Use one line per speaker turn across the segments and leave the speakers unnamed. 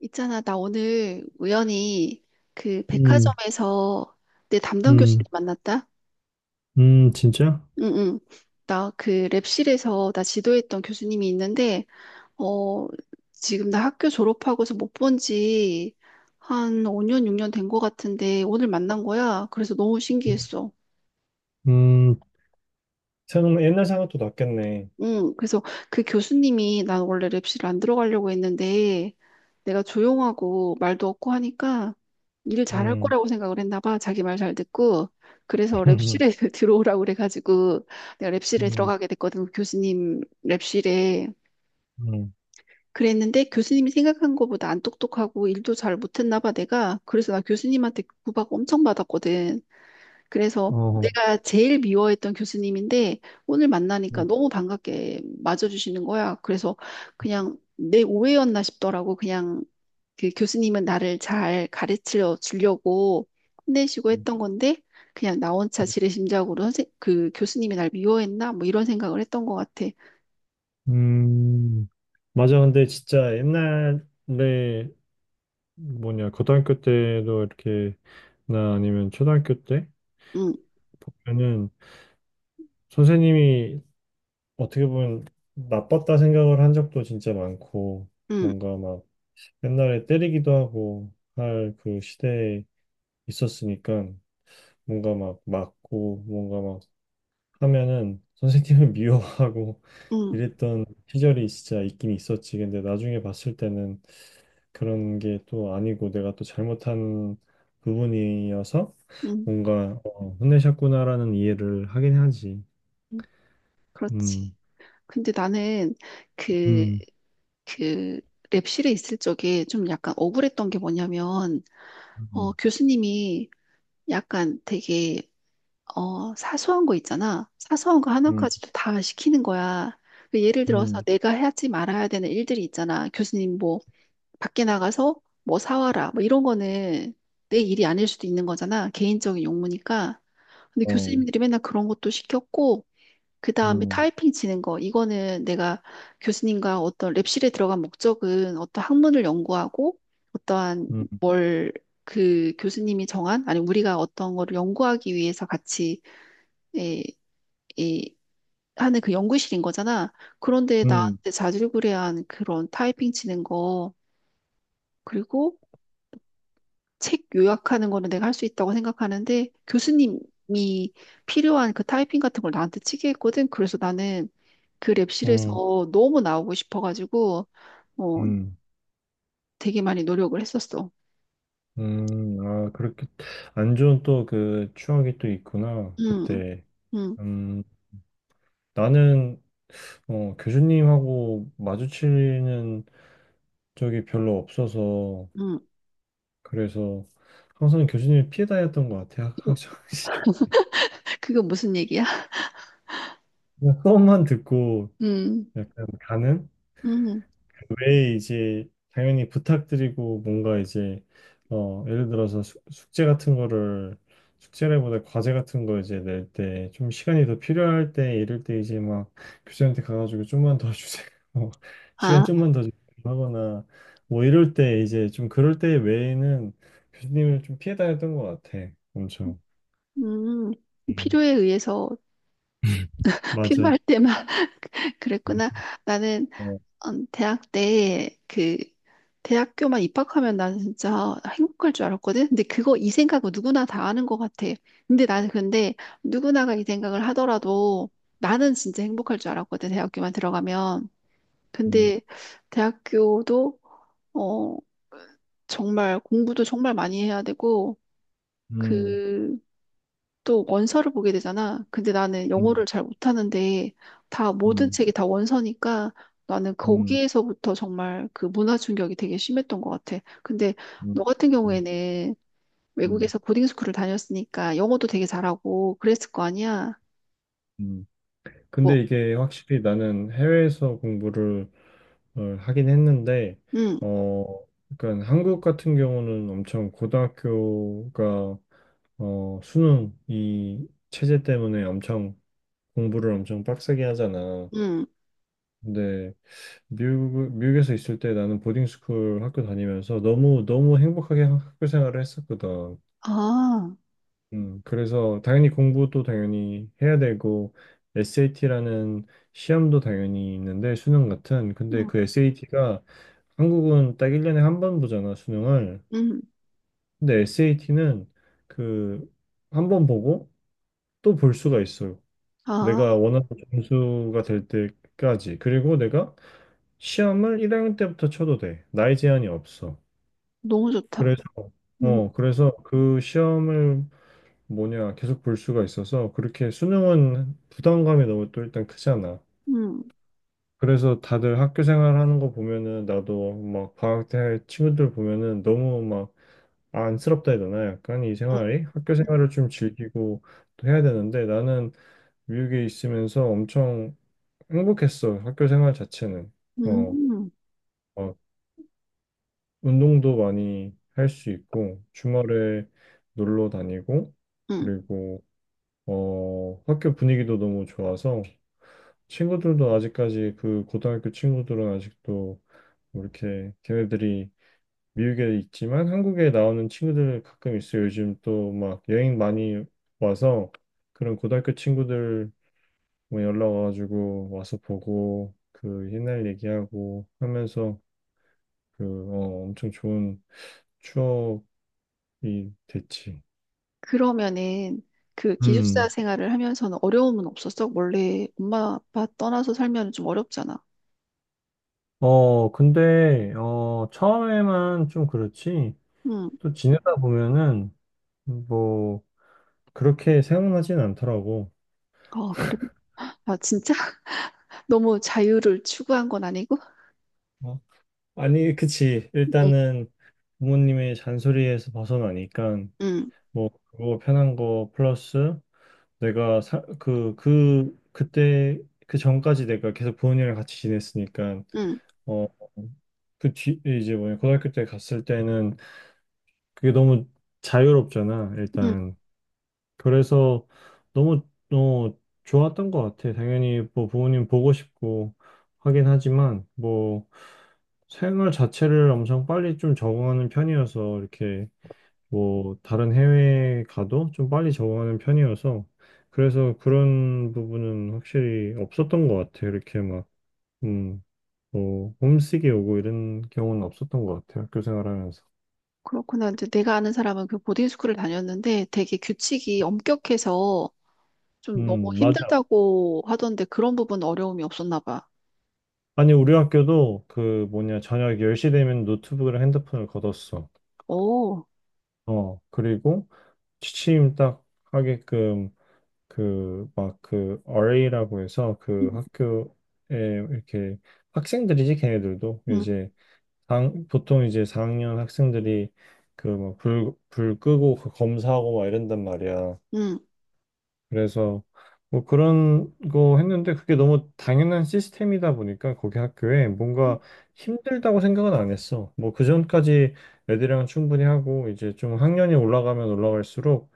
있잖아, 나 오늘 우연히 그
음,
백화점에서 내 담당
음,
교수님 만났다?
진짜?
응, 응. 나 그 랩실에서 나 지도했던 교수님이 있는데, 어, 지금 나 학교 졸업하고서 못 본지 한 5년, 6년 된 것 같은데 오늘 만난 거야. 그래서 너무 신기했어.
음, 생각, 옛날 생각도 났겠네.
응, 그래서 그 교수님이 난 원래 랩실을 안 들어가려고 했는데 내가 조용하고 말도 없고 하니까 일 잘할
음.
거라고 생각을 했나 봐. 자기 말 잘 듣고. 그래서 랩실에 들어오라고 그래가지고 내가
음,
랩실에
음,
들어가게 됐거든. 그 교수님 랩실에.
음,
그랬는데 교수님이 생각한 것보다 안 똑똑하고 일도 잘 못했나 봐, 내가. 그래서 나 교수님한테 구박 엄청 받았거든. 그래서
어,
내가 제일 미워했던 교수님인데 오늘 만나니까
음,
너무 반갑게 맞아주시는 거야. 그래서 그냥 내 오해였나 싶더라고. 그냥 그 교수님은 나를 잘 가르쳐 주려고 혼내시고
음,
했던 건데 그냥 나 혼자 지레심작으로 선생 그 교수님이 날 미워했나 뭐 이런 생각을 했던 것 같아.
음. 맞아. 근데 진짜 옛날에 뭐냐, 고등학교 때도 이렇게, 나 아니면 초등학교 때
응,
보면은 선생님이 어떻게 보면 나빴다 생각을 한 적도 진짜 많고,
응,
뭔가 막 옛날에 때리기도 하고 할 그 시대에 있었으니까. 뭔가 막 맞고 뭔가 막 하면은 선생님을 미워하고
응,
이랬던 시절이 진짜 있긴 있었지. 근데 나중에 봤을 때는 그런 게 또 아니고 내가 또 잘못한 부분이어서
응,
뭔가 어, 혼내셨구나라는 이해를 하긴 하지.
응, 그렇지.
음,
근데 나는 그,
음,
그 랩실에 있을 적에 좀 약간 억울했던 게 뭐냐면
음,
교수님이 약간 되게, 사소한 거 있잖아. 사소한 거
음,
하나까지도 다 시키는 거야. 그 예를 들어서
음,
내가 하지 말아야 되는 일들이 있잖아. 교수님 뭐, 밖에 나가서 뭐 사와라. 뭐 이런 거는 내 일이 아닐 수도 있는 거잖아. 개인적인 용무니까. 근데
어,
교수님들이 맨날 그런 것도 시켰고, 그 다음에
음,
타이핑 치는 거. 이거는 내가 교수님과 어떤 랩실에 들어간 목적은 어떤 학문을 연구하고 어떠한
음,
뭘 그 교수님이 정한, 아니 우리가 어떤 거를 연구하기 위해서 같이 에, 에, 하는 그 연구실인 거잖아. 그런데
음,
나한테 자질구레한 그런 타이핑 치는 거, 그리고 책 요약하는 거는 내가 할 수 있다고 생각하는데 교수님이 필요한 그 타이핑 같은 걸 나한테 치게 했거든. 그래서 나는 그
음,
랩실에서 너무 나오고 싶어가지고 어
음,
되게 많이 노력을 했었어.
아, 그렇게 안 좋은 또 그 추억이 또 있구나.
음,
그때.
음,
음. 나는 어, 교수님하고 마주치는 적이 별로 없어서
음.
그래서 항상 교수님을 피해 다녔던 것 같아. 항상
그거 무슨 얘기야?
수업만 듣고
음,
약간 가는
음.
왜 이제 당연히 부탁드리고 뭔가 이제 어 예를 들어서 숙제 같은 거를 숙제라기보다 과제 같은 거 이제 낼 때 좀 시간이 더 필요할 때 이럴 때 이제 막 교수한테 가가지고 좀만 더 주세요. 시간
아,
좀만 더 주세요 하거나 뭐 이럴 때 이제 좀 그럴 때 외에는 교수님을 좀 피해 다녔던 것 같아 엄청.
음.
음,
필요에 의해서
맞아.
필요할 때만
음,
그랬구나. 나는
어,
대학 때 대학교만 입학하면 나는 진짜 행복할 줄 알았거든. 근데 그거 이 생각은 누구나 다 하는 것 같아. 근데 나는 근데 누구나가 이 생각을 하더라도 나는 진짜 행복할 줄 알았거든. 대학교만 들어가면.
음,
근데 대학교도 어 정말 공부도 정말 많이 해야 되고
음,
그 또 원서를 보게 되잖아. 근데 나는
음,
영어를 잘 못하는데 다 모든
음,
책이 다 원서니까 나는
음,
거기에서부터 정말 그 문화 충격이 되게 심했던 것 같아. 근데
음,
너 같은
음,
경우에는
음,
외국에서 보딩 스쿨을 다녔으니까 영어도 되게 잘하고 그랬을 거 아니야?
음.
뭐,
근데 이게 확실히 나는 해외에서 공부를 어, 하긴 했는데,
응,
어, 그러니까 한국 같은 경우는 엄청 고등학교가 어, 수능 이 체제 때문에 엄청 공부를 엄청 빡세게 하잖아.
응,
근데 미국에서 있을 때 나는 보딩 스쿨 학교 다니면서 너무 너무 행복하게 학교 생활을 했었거든.
아,
그래서 당연히 공부도 당연히 해야 되고 SAT라는 시험도 당연히 있는데 수능 같은 근데
응,
그 SAT가 한국은 딱 1년에 한 번 보잖아 수능을.
응,
근데 SAT는 그 한 번 보고 또 볼 수가 있어요. 내가
아,
원하는 점수가 될 때까지, 그리고 내가 시험을 1학년 때부터 쳐도 돼. 나이 제한이 없어.
너무 좋다.
그래서
응,
어 그래서 그 시험을 뭐냐 계속 볼 수가 있어서, 그렇게 수능은 부담감이 너무 또 일단 크잖아.
응.
그래서 다들 학교 생활하는 거 보면은 나도 막 방학 때 친구들 보면은 너무 막 안쓰럽다 해야 되나? 약간 이
음,
생활이 학교 생활을 좀 즐기고 또 해야 되는데, 나는 미국에 있으면서 엄청 행복했어. 학교 생활 자체는. 어,
음.
막 운동도 많이 할 수 있고 주말에 놀러 다니고,
음.
그리고 어, 학교 분위기도 너무 좋아서 친구들도 아직까지, 그 고등학교 친구들은 아직도 뭐 이렇게 걔네들이 미국에 있지만 한국에 나오는 친구들 가끔 있어요. 요즘 또 막 여행 많이 와서, 그런 고등학교 친구들 뭐 연락 와가지고 와서 보고 그 옛날 얘기하고 하면서, 그 어, 엄청 좋은 추억이 됐지.
그러면은 그 기숙사
음,
생활을 하면서는 어려움은 없었어? 원래 엄마 아빠 떠나서 살면 좀 어렵잖아.
어, 근데, 어, 처음에만 좀 그렇지,
음,
또 지내다 보면은, 뭐 그렇게 생각나진 않더라고.
아, 그래. 아, 진짜? 너무 자유를 추구한 건 아니고?
어, 아니, 그치.
응,
일단은 부모님의 잔소리에서 벗어나니까
응,
뭐 그거 편한 거 플러스, 내가 사, 그때 그 전까지 내가 계속 부모님이랑 같이 지냈으니까
응,
어, 그 뒤, 이제 뭐냐, 고등학교 때 갔을 때는 그게 너무 자유롭잖아.
응.
일단. 그래서 너무 어, 좋았던 것 같아. 당연히 뭐 부모님 보고 싶고 하긴 하지만 뭐 생활 자체를 엄청 빨리 좀 적응하는 편이어서, 이렇게 뭐 다른 해외에 가도 좀 빨리 적응하는 편이어서, 그래서 그런 부분은 확실히 없었던 것 같아. 이렇게 막 음, 뭐 홈식이 오고 이런 경우는 없었던 것 같아. 학교 생활하면서.
그렇구나. 이제 내가 아는 사람은 그 보딩스쿨을 다녔는데 되게 규칙이 엄격해서 좀 너무
맞아.
힘들다고 하던데 그런 부분 어려움이 없었나 봐.
아니, 우리 학교도 그 뭐냐, 저녁 10시 되면 노트북이랑 핸드폰을 걷었어.
오,
어, 그리고 취침 딱 하게끔 그 막 그 RA라고 해서 그 학교에 이렇게 학생들이지, 걔네들도
응,
이제 당, 보통 이제 4학년 학생들이 그 막 불 끄고 그 검사하고 막 이런단 말이야.
응.
그래서 뭐 그런 거 했는데 그게 너무 당연한 시스템이다 보니까 거기 학교에 뭔가 힘들다고 생각은 안 했어. 뭐 그전까지 애들이랑 충분히 하고 이제 좀 학년이 올라가면 올라갈수록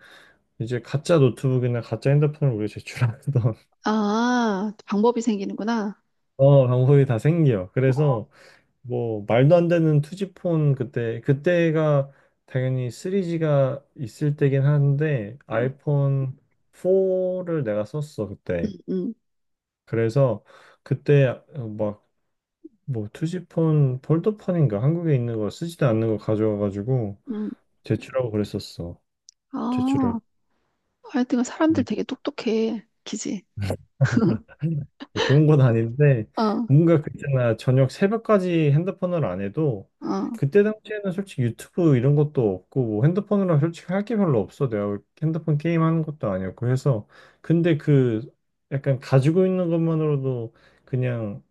이제 가짜 노트북이나 가짜 핸드폰을 우리 제출하던
아, 방법이 생기는구나.
어, 방법이 다 생겨. 그래서 뭐 말도 안 되는 투지폰, 그때 그때가 당연히 3G가 있을 때긴 한데
음,
아이폰 4를 내가 썼어 그때.
음,
그래서 그때 어, 막뭐 투지폰 폴더폰인가 한국에 있는 거 쓰지도 않는 거 가져와가지고
음.
제출하고 그랬었어.
아,
제출을.
하여튼 사람들
음,
되게 똑똑해. 그지?
뭐 좋은 건 아닌데
어,
뭔가 그때나 저녁 새벽까지 핸드폰을 안 해도,
어,
그때 당시에는 솔직히 유튜브 이런 것도 없고 뭐 핸드폰으로 솔직히 할 게 별로 없어. 내가 핸드폰 게임 하는 것도 아니었고 해서. 근데 그 약간 가지고 있는 것만으로도 그냥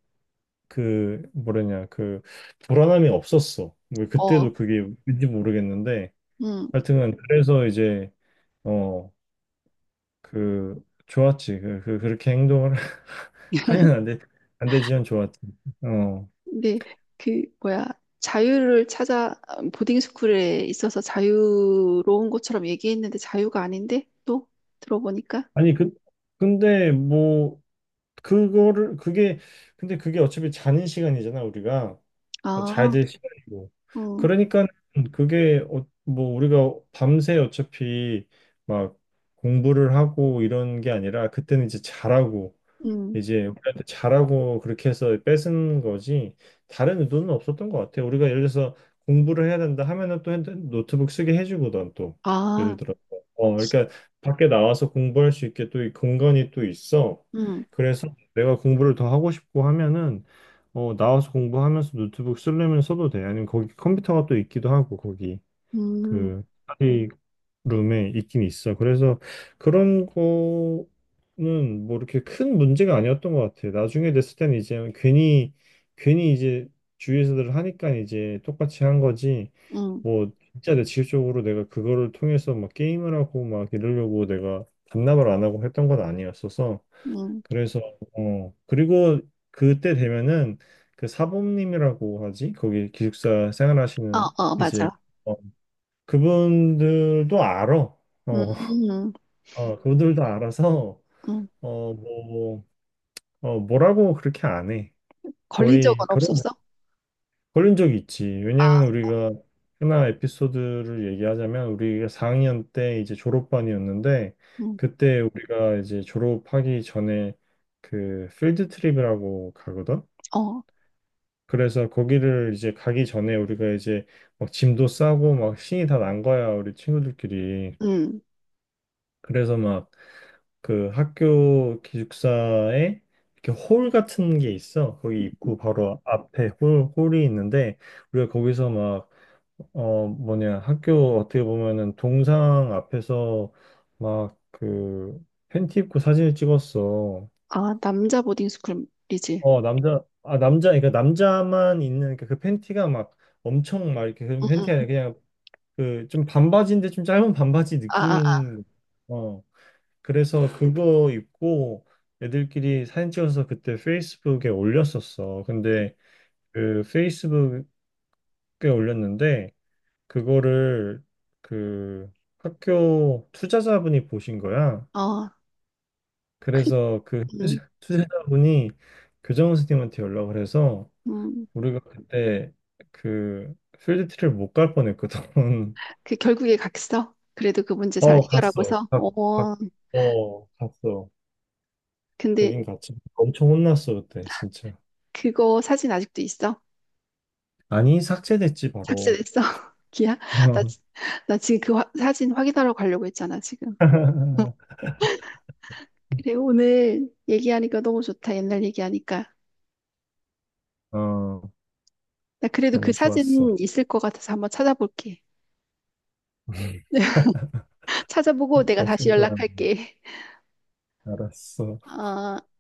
그 뭐랬냐 그 불안함이 없었어. 뭐
어,
그때도 그게 왠지 모르겠는데.
음.
하여튼간 그래서 이제 어 그 좋았지. 그, 그 그렇게 행동을 하면 안 돼. 안 되지만 좋았지. 어.
근데 그 뭐야 자유를 찾아 보딩 스쿨에 있어서 자유로운 것처럼 얘기했는데 자유가 아닌데 또 들어보니까
아니 그 근데 뭐 그거를 그게 근데 그게 어차피 자는 시간이잖아 우리가. 어,
아,
잘 될 시간이고.
음,
그러니까 그게 어, 뭐 우리가 밤새 어차피 막 공부를 하고 이런 게 아니라 그때는 이제 잘하고
음,
이제 우리한테 잘하고 그렇게 해서 뺏은 거지, 다른 의도는 없었던 것 같아요. 우리가 예를 들어서 공부를 해야 된다 하면은 또 노트북 쓰게 해주고 든또
아,
예를 들어 어 그러니까 밖에 나와서 공부할 수 있게 또 이 공간이 또 있어.
음,
그래서 내가 공부를 더 하고 싶고 하면은 어, 나와서 공부하면서 노트북 쓰려면 써도 돼. 아니면 거기 컴퓨터가 또 있기도 하고, 거기
음,
그 스터디룸에 있긴 있어. 그래서 그런 거는 뭐 이렇게 큰 문제가 아니었던 것 같아. 나중에 됐을 때는 이제 괜히 이제 주위에서들 하니까 이제 똑같이 한 거지.
음,
뭐 진짜 내 직접적으로 내가 그거를 통해서 막 게임을 하고 막 이러려고 내가 반납을 안 하고 했던 건 아니었어서.
음,
그래서 어 그리고 그때 되면은 그 사범님이라고 하지, 거기 기숙사
어,
생활하시는
어,
이제
맞아,
어, 그분들도 알아.
음,
어,
음,
어 그분들도 알아서
음.
어뭐 어, 뭐라고 그렇게 안해.
걸린 적은
거의 그런
없었어?
걸린 적이 있지.
아,
왜냐면 우리가 하나 에피소드를 얘기하자면, 우리가 4학년 때 이제 졸업반이었는데
음,
그때 우리가 이제 졸업하기 전에 그 필드 트립이라고 가거든.
어,
그래서 거기를 이제 가기 전에 우리가 이제 막 짐도 싸고 막 신이 다 난 거야, 우리 친구들끼리.
음.
그래서 막 그 학교 기숙사에 이렇게 홀 같은 게 있어. 거기 입구 바로 앞에 홀이 있는데 우리가 거기서 막 어 뭐냐 학교 어떻게 보면은 동상 앞에서 막 그 팬티 입고 사진을 찍었어.
아, 남자 보딩 스쿨이지.
어 남자 아 남자 그러니까 남자만 있는, 그러니까 그 팬티가 막 엄청 막 이렇게 그
응,
팬티
응.
아니라 그냥 그 좀 반바지인데 좀 짧은 반바지
아, 아,
느낌인 어 그래서 그거 입고 애들끼리 사진 찍어서 그때 페이스북에 올렸었어. 근데 그 페이스북에 올렸는데 그거를 그 학교 투자자분이 보신 거야.
아. 어, 그,
그래서 그
음,
투자자분이 교정 선생님한테 연락을 해서
음.
우리가 그때 그 필드트를 못 갈 뻔했거든.
그 결국에 갔어. 그래도 그 문제 잘
어, 갔어.
해결하고서.
가,
어,
어, 갔어.
근데
가긴 갔지. 엄청 혼났어, 그때, 진짜.
그거 사진 아직도 있어?
아니, 삭제됐지, 바로.
삭제됐어? 기야? 나,
어,
지- 나 지금 사진 확인하러 가려고 했잖아, 지금. 그래, 오늘 얘기하니까 너무 좋다. 옛날 얘기하니까.
어,
나 그래도 그
너무
사진
좋았어.
있을 것 같아서 한번 찾아볼게. 찾아보고 내가 다시
없을 거야.
연락할게.
알았어.
아